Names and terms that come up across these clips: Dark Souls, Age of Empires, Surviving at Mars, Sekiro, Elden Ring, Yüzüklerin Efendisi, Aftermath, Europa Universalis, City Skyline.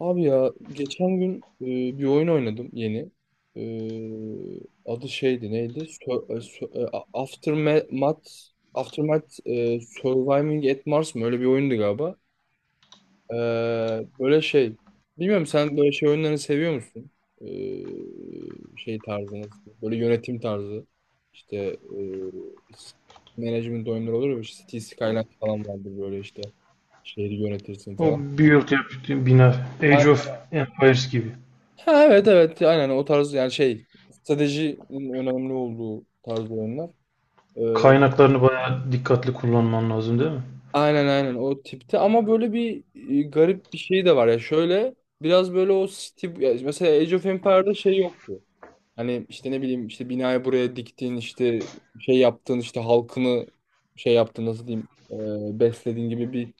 Abi ya geçen gün bir oyun oynadım yeni. E, Adı şeydi neydi? Aftermath Surviving at Mars mı? Öyle bir oyundu galiba. E, Böyle şey. Bilmiyorum sen böyle şey oyunlarını seviyor musun? Şey tarzı nasıl? Böyle yönetim tarzı. İşte e, s- management oyunları olur ya. İşte City Skyline falan vardı böyle işte. Şehri yönetirsin O falan. build yap, bina. Age of Empires gibi. Ha, evet evet aynen o tarz yani şey stratejinin önemli olduğu tarz oyunlar. Ee, Kaynaklarını bayağı dikkatli kullanman lazım değil mi? aynen aynen o tipte ama böyle bir garip bir şey de var ya şöyle biraz böyle o stil ya mesela Age of Empire'da şey yoktu. Hani işte ne bileyim işte binayı buraya diktin işte şey yaptın işte halkını şey yaptın nasıl diyeyim beslediğin gibi bir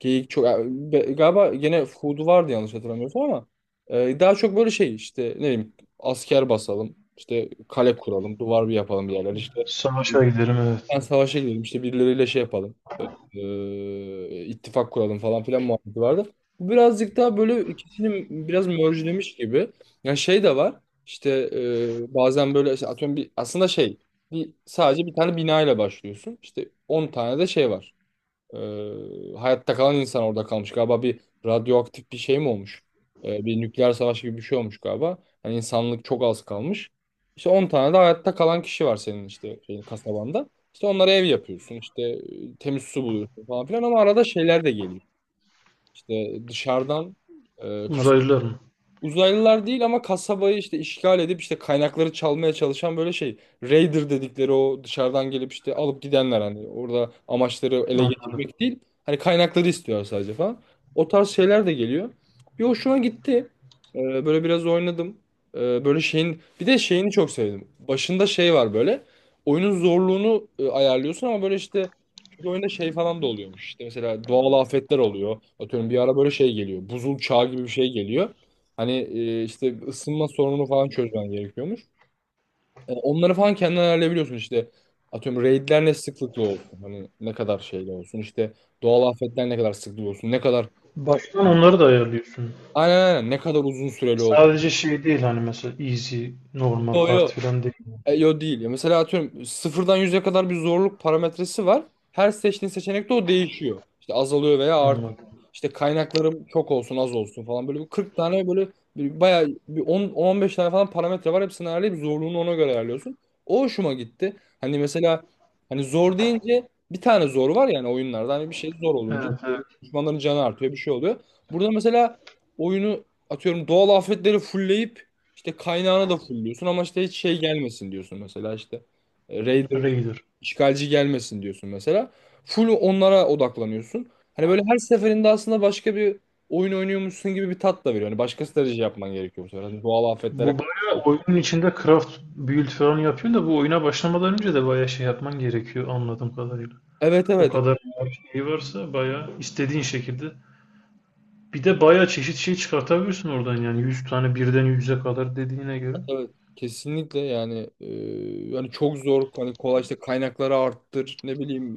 Geyik çok galiba gene Food'u vardı yanlış hatırlamıyorsam ama daha çok böyle şey işte ne bileyim asker basalım işte kale kuralım duvar bir yapalım bir yerler işte Savaşa gidelim, evet. ben savaşa gidelim işte birileriyle şey yapalım ittifak kuralım falan filan muhabbeti vardı. Bu birazcık daha böyle ikisini biraz merge'lemiş gibi. Yani şey de var işte bazen böyle işte atıyorum bir aslında şey sadece bir tane bina ile başlıyorsun işte 10 tane de şey var. Hayatta kalan insan orada kalmış. Galiba bir radyoaktif bir şey mi olmuş? Bir nükleer savaş gibi bir şey olmuş galiba. Yani insanlık çok az kalmış. İşte 10 tane de hayatta kalan kişi var senin işte şeyin, kasabanda. İşte onlara ev yapıyorsun. İşte temiz su buluyorsun falan filan ama arada şeyler de geliyor. İşte dışarıdan e, kas Uzaylılar mı? Uzaylılar değil ama kasabayı işte işgal edip işte kaynakları çalmaya çalışan böyle şey. Raider dedikleri o dışarıdan gelip işte alıp gidenler hani orada amaçları ele Anladım. geçirmek değil. Hani kaynakları istiyor sadece falan. O tarz şeyler de geliyor. Bir hoşuma gitti. Böyle biraz oynadım. Böyle şeyin bir de şeyini çok sevdim. Başında şey var böyle. Oyunun zorluğunu ayarlıyorsun ama böyle işte bir oyunda şey falan da oluyormuş. İşte mesela doğal afetler oluyor. Atıyorum bir ara böyle şey geliyor. Buzul çağı gibi bir şey geliyor. Hani işte ısınma sorununu falan çözmen gerekiyormuş. Onları falan kendin ayarlayabiliyorsun işte. Atıyorum raidler ne sıklıkla olsun. Hani ne kadar şeyle olsun. İşte doğal afetler ne kadar sıklıkla olsun. Ne kadar Baştan onları da ayarlıyorsun. aynen aynen ne kadar uzun süreli olsun. Sadece şey değil hani, mesela easy, normal, Yo hard yo. falan değil. Yo değil. Ya mesela atıyorum 0'dan 100'e kadar bir zorluk parametresi var. Her seçtiğin seçenekte o değişiyor. İşte azalıyor veya artıyor. Anladım. İşte kaynaklarım çok olsun az olsun falan böyle bir 40 tane böyle bayağı bir 10-15 tane falan parametre var. Hepsini ayarlayıp zorluğunu ona göre ayarlıyorsun. O hoşuma gitti. Hani mesela hani zor deyince bir tane zor var yani oyunlarda. Hani bir şey zor olunca Evet, evet. düşmanların canı artıyor bir şey oluyor. Burada mesela oyunu atıyorum doğal afetleri fullleyip işte kaynağını da fullliyorsun ama işte hiç şey gelmesin diyorsun mesela işte. E, Raider Raider. İşgalci gelmesin diyorsun mesela. Full onlara odaklanıyorsun. Hani böyle her seferinde aslında başka bir oyun oynuyormuşsun gibi bir tat da veriyor. Hani başka strateji yapman gerekiyor bu sefer. Hani doğal afetlere Bu bayağı karşı. oyunun içinde craft build falan yapıyor da bu oyuna başlamadan önce de bayağı şey yapman gerekiyor anladığım kadarıyla. Evet O evet. kadar şey varsa bayağı istediğin şekilde. Bir de bayağı çeşit şey çıkartabiliyorsun oradan yani 100 tane, birden 100'e kadar dediğine göre. Evet, kesinlikle yani yani çok zor hani kolay işte kaynakları arttır ne bileyim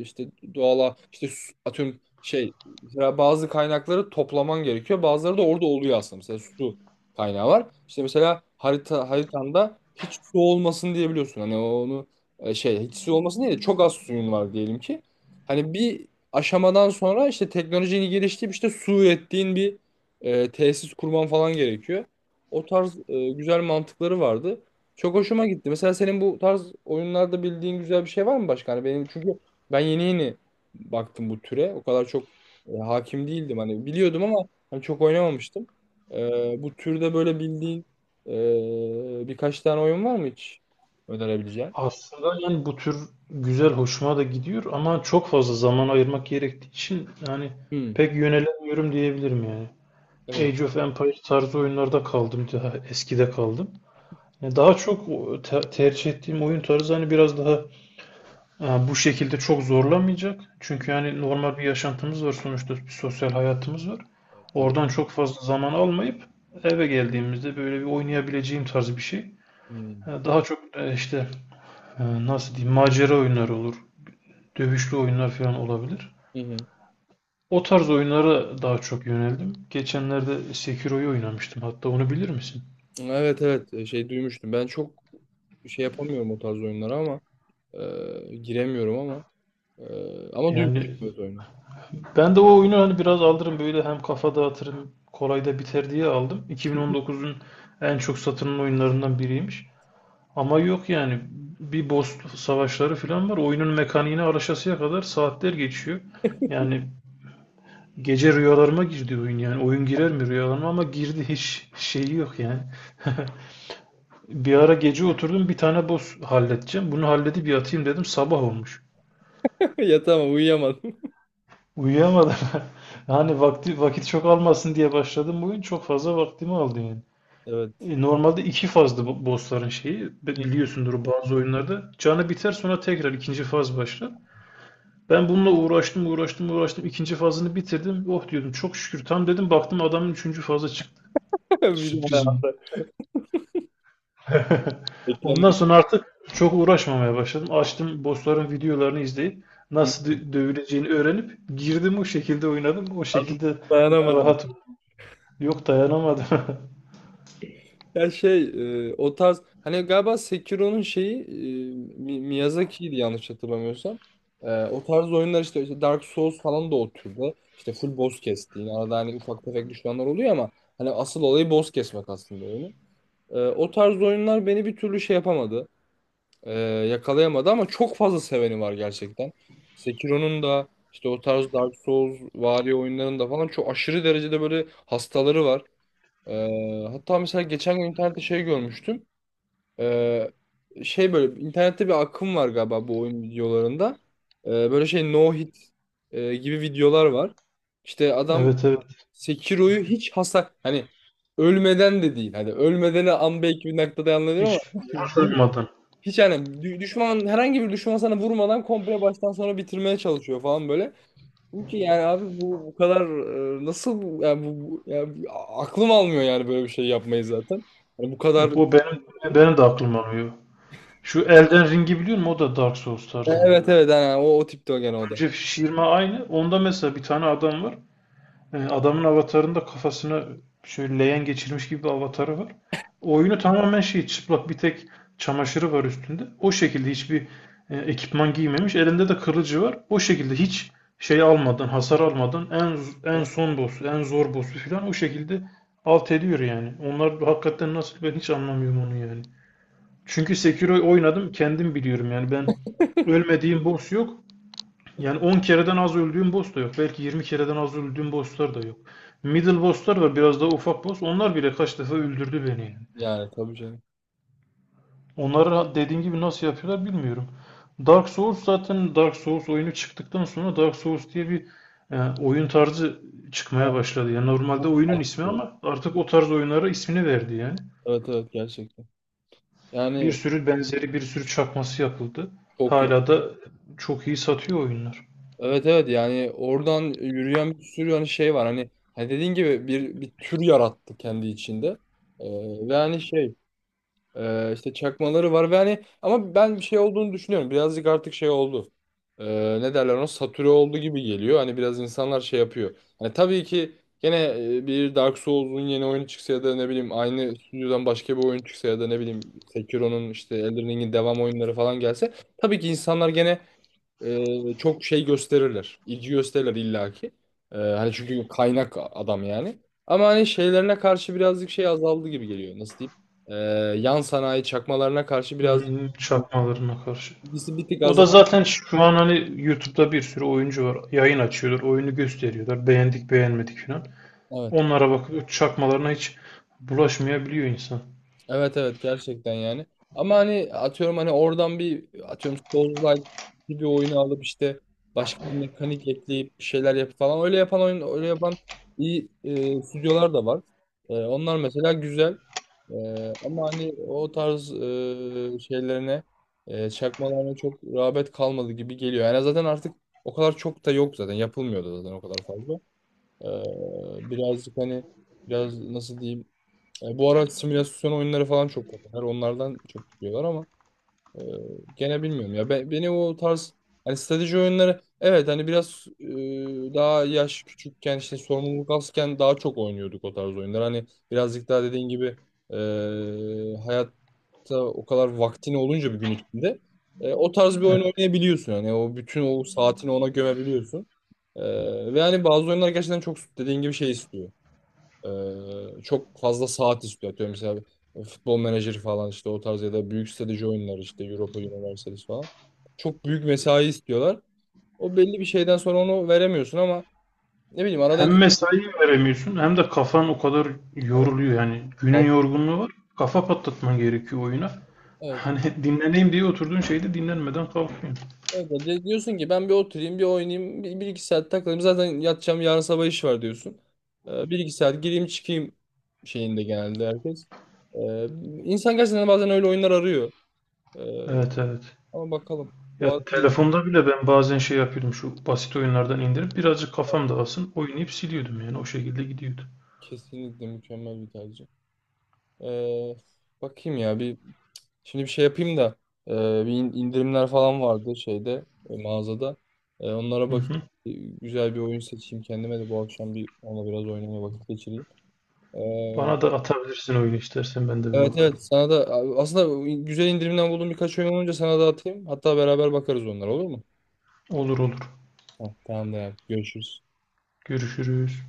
işte doğala işte atıyorum şey mesela bazı kaynakları toplaman gerekiyor bazıları da orada oluyor aslında mesela su kaynağı var işte mesela haritanda hiç su olmasın diyebiliyorsun hani onu şey hiç su olmasın değil de çok az suyun var diyelim ki hani bir aşamadan sonra işte teknolojinin geliştirip işte su ürettiğin bir tesis kurman falan gerekiyor. O tarz güzel mantıkları vardı. Çok hoşuma gitti. Mesela senin bu tarz oyunlarda bildiğin güzel bir şey var mı başka? Hani benim çünkü ben yeni yeni baktım bu türe. O kadar çok hakim değildim. Hani biliyordum ama hani çok oynamamıştım. Bu türde böyle bildiğin birkaç tane oyun var mı hiç önerebileceğin? Aslında yani bu tür güzel hoşuma da gidiyor ama çok fazla zaman ayırmak gerektiği için yani Hmm, pek yönelemiyorum diyebilirim yani. evet Age of Empires tarzı oyunlarda kaldım, daha eskide kaldım. Yani daha çok o tercih ettiğim oyun tarzı hani biraz daha bu şekilde çok zorlamayacak. Çünkü yani normal bir yaşantımız var sonuçta, bir sosyal hayatımız var. tabii. Oradan çok fazla zaman almayıp eve geldiğimizde böyle bir oynayabileceğim tarz bir şey. Hmm. Daha çok işte nasıl diyeyim, macera oyunları olur. Dövüşlü oyunlar falan olabilir. Hı hı. O tarz oyunlara daha çok yöneldim. Geçenlerde Sekiro'yu oynamıştım. Hatta onu bilir misin? Evet evet şey duymuştum. Ben çok şey yapamıyorum o tarz oyunlara ama giremiyorum ama. Ama Yani duymuştum evet oyunu. ben de o oyunu hani biraz alırım böyle, hem kafa dağıtırım kolay da biter diye aldım. 2019'un en çok satılan oyunlarından biriymiş. Ama yok yani, bir boss savaşları falan var. Oyunun mekaniğine araşasıya kadar saatler geçiyor. Yani gece rüyalarıma girdi oyun yani. Oyun girer mi rüyalarıma, ama girdi, hiç şeyi yok yani. Bir ara gece oturdum, bir tane boss halledeceğim. Bunu halledip yatayım dedim, sabah olmuş. Ya tamam uyuyamadım. Uyuyamadım. Hani vakit çok almasın diye başladım bugün. Çok fazla vaktimi aldı yani. Evet. E, normalde iki fazdı bu bossların şeyi. Biliyorsundur bazı oyunlarda. Canı biter, sonra tekrar ikinci faz başlar. Ben bununla uğraştım. İkinci fazını bitirdim. Oh diyordum, çok şükür. Tam dedim baktım adamın üçüncü fazı çıktı. Bir Sürpriz oldu. daha. Ondan Beklenmedim. sonra artık çok uğraşmamaya başladım. Açtım bossların videolarını izleyip nasıl dövüleceğini öğrenip girdim, o şekilde oynadım. O Artık şekilde daha dayanamadım. rahat. Yok, dayanamadım. Ya şey o tarz hani galiba Sekiro'nun şeyi Miyazaki'ydi yanlış hatırlamıyorsam. O tarz oyunlar işte Dark Souls falan da o türde. İşte full boss kestiğin arada hani ufak tefek düşmanlar oluyor ama hani asıl olayı boss kesmek aslında oyunu. O tarz oyunlar beni bir türlü şey yapamadı. Ee, Yakalayamadı ama çok fazla seveni var gerçekten. Sekiro'nun da işte o tarz Dark Souls vari oyunların da falan çok aşırı derecede böyle hastaları var. Hatta mesela geçen gün internette şey görmüştüm. Ee, Şey böyle internette bir akım var galiba bu oyun videolarında. Böyle şey no hit gibi videolar var. İşte adam Evet, evet. Sekiro'yu hiç hasar hani ölmeden de değil. Hani ölmeden an belki bir noktada anlıyorum Hiç ama umursamadın. Hiç yani düşman herhangi bir düşman sana vurmadan komple baştan sona bitirmeye çalışıyor falan böyle. Çünkü ki yani abi bu kadar nasıl aklım almıyor yani böyle bir şey yapmayı zaten. Yani bu kadar. Yok, o benim benim de aklım alıyor. Şu Elden Ring'i biliyor musun? O da Dark Souls tarzında. Evet evet yani o tipte o gene o da. Önce şişirme aynı. Onda mesela bir tane adam var. E, adamın avatarında kafasını şöyle leğen geçirmiş gibi bir avatarı var. Oyunu tamamen şey, çıplak, bir tek çamaşırı var üstünde. O şekilde hiçbir ekipman giymemiş. Elinde de kılıcı var. O şekilde hiç şey almadan, hasar almadan en son boss'u, en zor boss'u falan o şekilde alt ediyor yani. Onlar hakikaten nasıl, ben hiç anlamıyorum onu yani. Çünkü Sekiro oynadım kendim, biliyorum yani, ölmediğim boss yok. Yani 10 kereden az öldüğüm boss da yok. Belki 20 kereden az öldüğüm bosslar da yok. Middle bosslar var, biraz daha ufak boss. Onlar bile kaç defa öldürdü beni yani. Yani tabii canım. Onları dediğim gibi nasıl yapıyorlar bilmiyorum. Dark Souls, zaten Dark Souls oyunu çıktıktan sonra Dark Souls diye bir oyun tarzı çıkmaya Evet başladı. Yani normalde oyunun ismi ama artık o tarz oyunlara ismini verdi yani. evet evet, gerçekten. Bir Yani sürü benzeri, bir sürü çakması yapıldı. çok iyi. Hala da çok iyi satıyor oyunlar. Evet evet yani oradan yürüyen bir sürü hani şey var hani dediğin gibi bir tür yarattı kendi içinde. Ve hani şey. İşte çakmaları var ve hani ama ben bir şey olduğunu düşünüyorum. Birazcık artık şey oldu. Ne derler ona satüre oldu gibi geliyor. Hani biraz insanlar şey yapıyor. Hani tabii ki gene bir Dark Souls'un yeni oyunu çıksa ya da ne bileyim aynı stüdyodan başka bir oyun çıksa ya da ne bileyim Sekiro'nun işte Elden Ring'in devam oyunları falan gelse tabii ki insanlar gene çok şey gösterirler. İlgi gösterirler illaki. Hani çünkü kaynak adam yani. Ama hani şeylerine karşı birazcık şey azaldı gibi geliyor. Nasıl diyeyim? E, Yan sanayi çakmalarına karşı birazcık Hmm, çakmalarına karşı. ilgisi bir tık O da azaldı. zaten şu an hani YouTube'da bir sürü oyuncu var. Yayın açıyorlar, oyunu gösteriyorlar. Beğendik, beğenmedik falan. Evet. Onlara bakıp çakmalarına hiç bulaşmayabiliyor insan. Evet evet gerçekten yani. Ama hani atıyorum hani oradan bir atıyorum Souls-like bir oyunu alıp işte başka bir mekanik ekleyip bir şeyler yapıp falan öyle yapan oyun öyle yapan iyi stüdyolar da var. Onlar mesela güzel. E, Ama hani o tarz şeylerine çakmalarına çok rağbet kalmadı gibi geliyor. Yani zaten artık o kadar çok da yok zaten yapılmıyordu zaten o kadar fazla. Birazcık hani biraz nasıl diyeyim bu ara simülasyon oyunları falan çok popüler. Onlardan çok gidiyorlar ama e, gene bilmiyorum ya. Beni o tarz hani strateji oyunları evet hani biraz daha yaş küçükken işte sorumluluk azken daha çok oynuyorduk o tarz oyunlar. Hani birazcık daha dediğin gibi e, hayatta o kadar vaktin olunca bir gün içinde o tarz bir oyun Evet. oynayabiliyorsun. Hani o bütün o saatini ona gömebiliyorsun. Ve hani bazı oyunlar gerçekten çok dediğin gibi şey istiyor. Çok fazla saat istiyor. Atıyorum mesela futbol menajeri falan işte o tarz ya da büyük strateji oyunları işte Europa Universalis falan. Çok büyük mesai istiyorlar. O belli bir şeyden sonra onu veremiyorsun ama ne bileyim arada Hem mesai veremiyorsun, hem de kafan o kadar evet. yoruluyor yani. Günün al- yorgunluğu var. Kafa patlatman gerekiyor oyuna. Evet. Hani dinleneyim diye oturduğun şeyde dinlenmeden kalkıyorsun. Evet. Diyorsun ki ben bir oturayım bir oynayayım 1-2 saat takılayım zaten yatacağım yarın sabah iş var diyorsun. 1-2 saat gireyim çıkayım şeyinde genelde herkes. Ee, insan gerçekten bazen öyle oyunlar arıyor. Ee, Evet, evet. Ama bakalım. Ya Bu arada. telefonda bile ben bazen şey yapıyordum, şu basit oyunlardan indirip birazcık kafam dağılsın oynayıp siliyordum yani, o şekilde gidiyordu. Kesinlikle mükemmel bir tercih. Ee, Bakayım ya bir şimdi bir şey yapayım da ee, bir indirimler falan vardı şeyde mağazada. Onlara Hı bak hı. e, güzel bir oyun seçeyim kendime de bu akşam bir ona biraz oynamaya vakit geçireyim. Ee, Bana da atabilirsin oyunu istersen, ben de bir evet bakarım. evet sana da aslında güzel indirimden bulduğum birkaç oyun olunca sana da atayım. Hatta beraber bakarız onlara olur mu? Olur, olur. Heh, tamam da görüşürüz. Görüşürüz.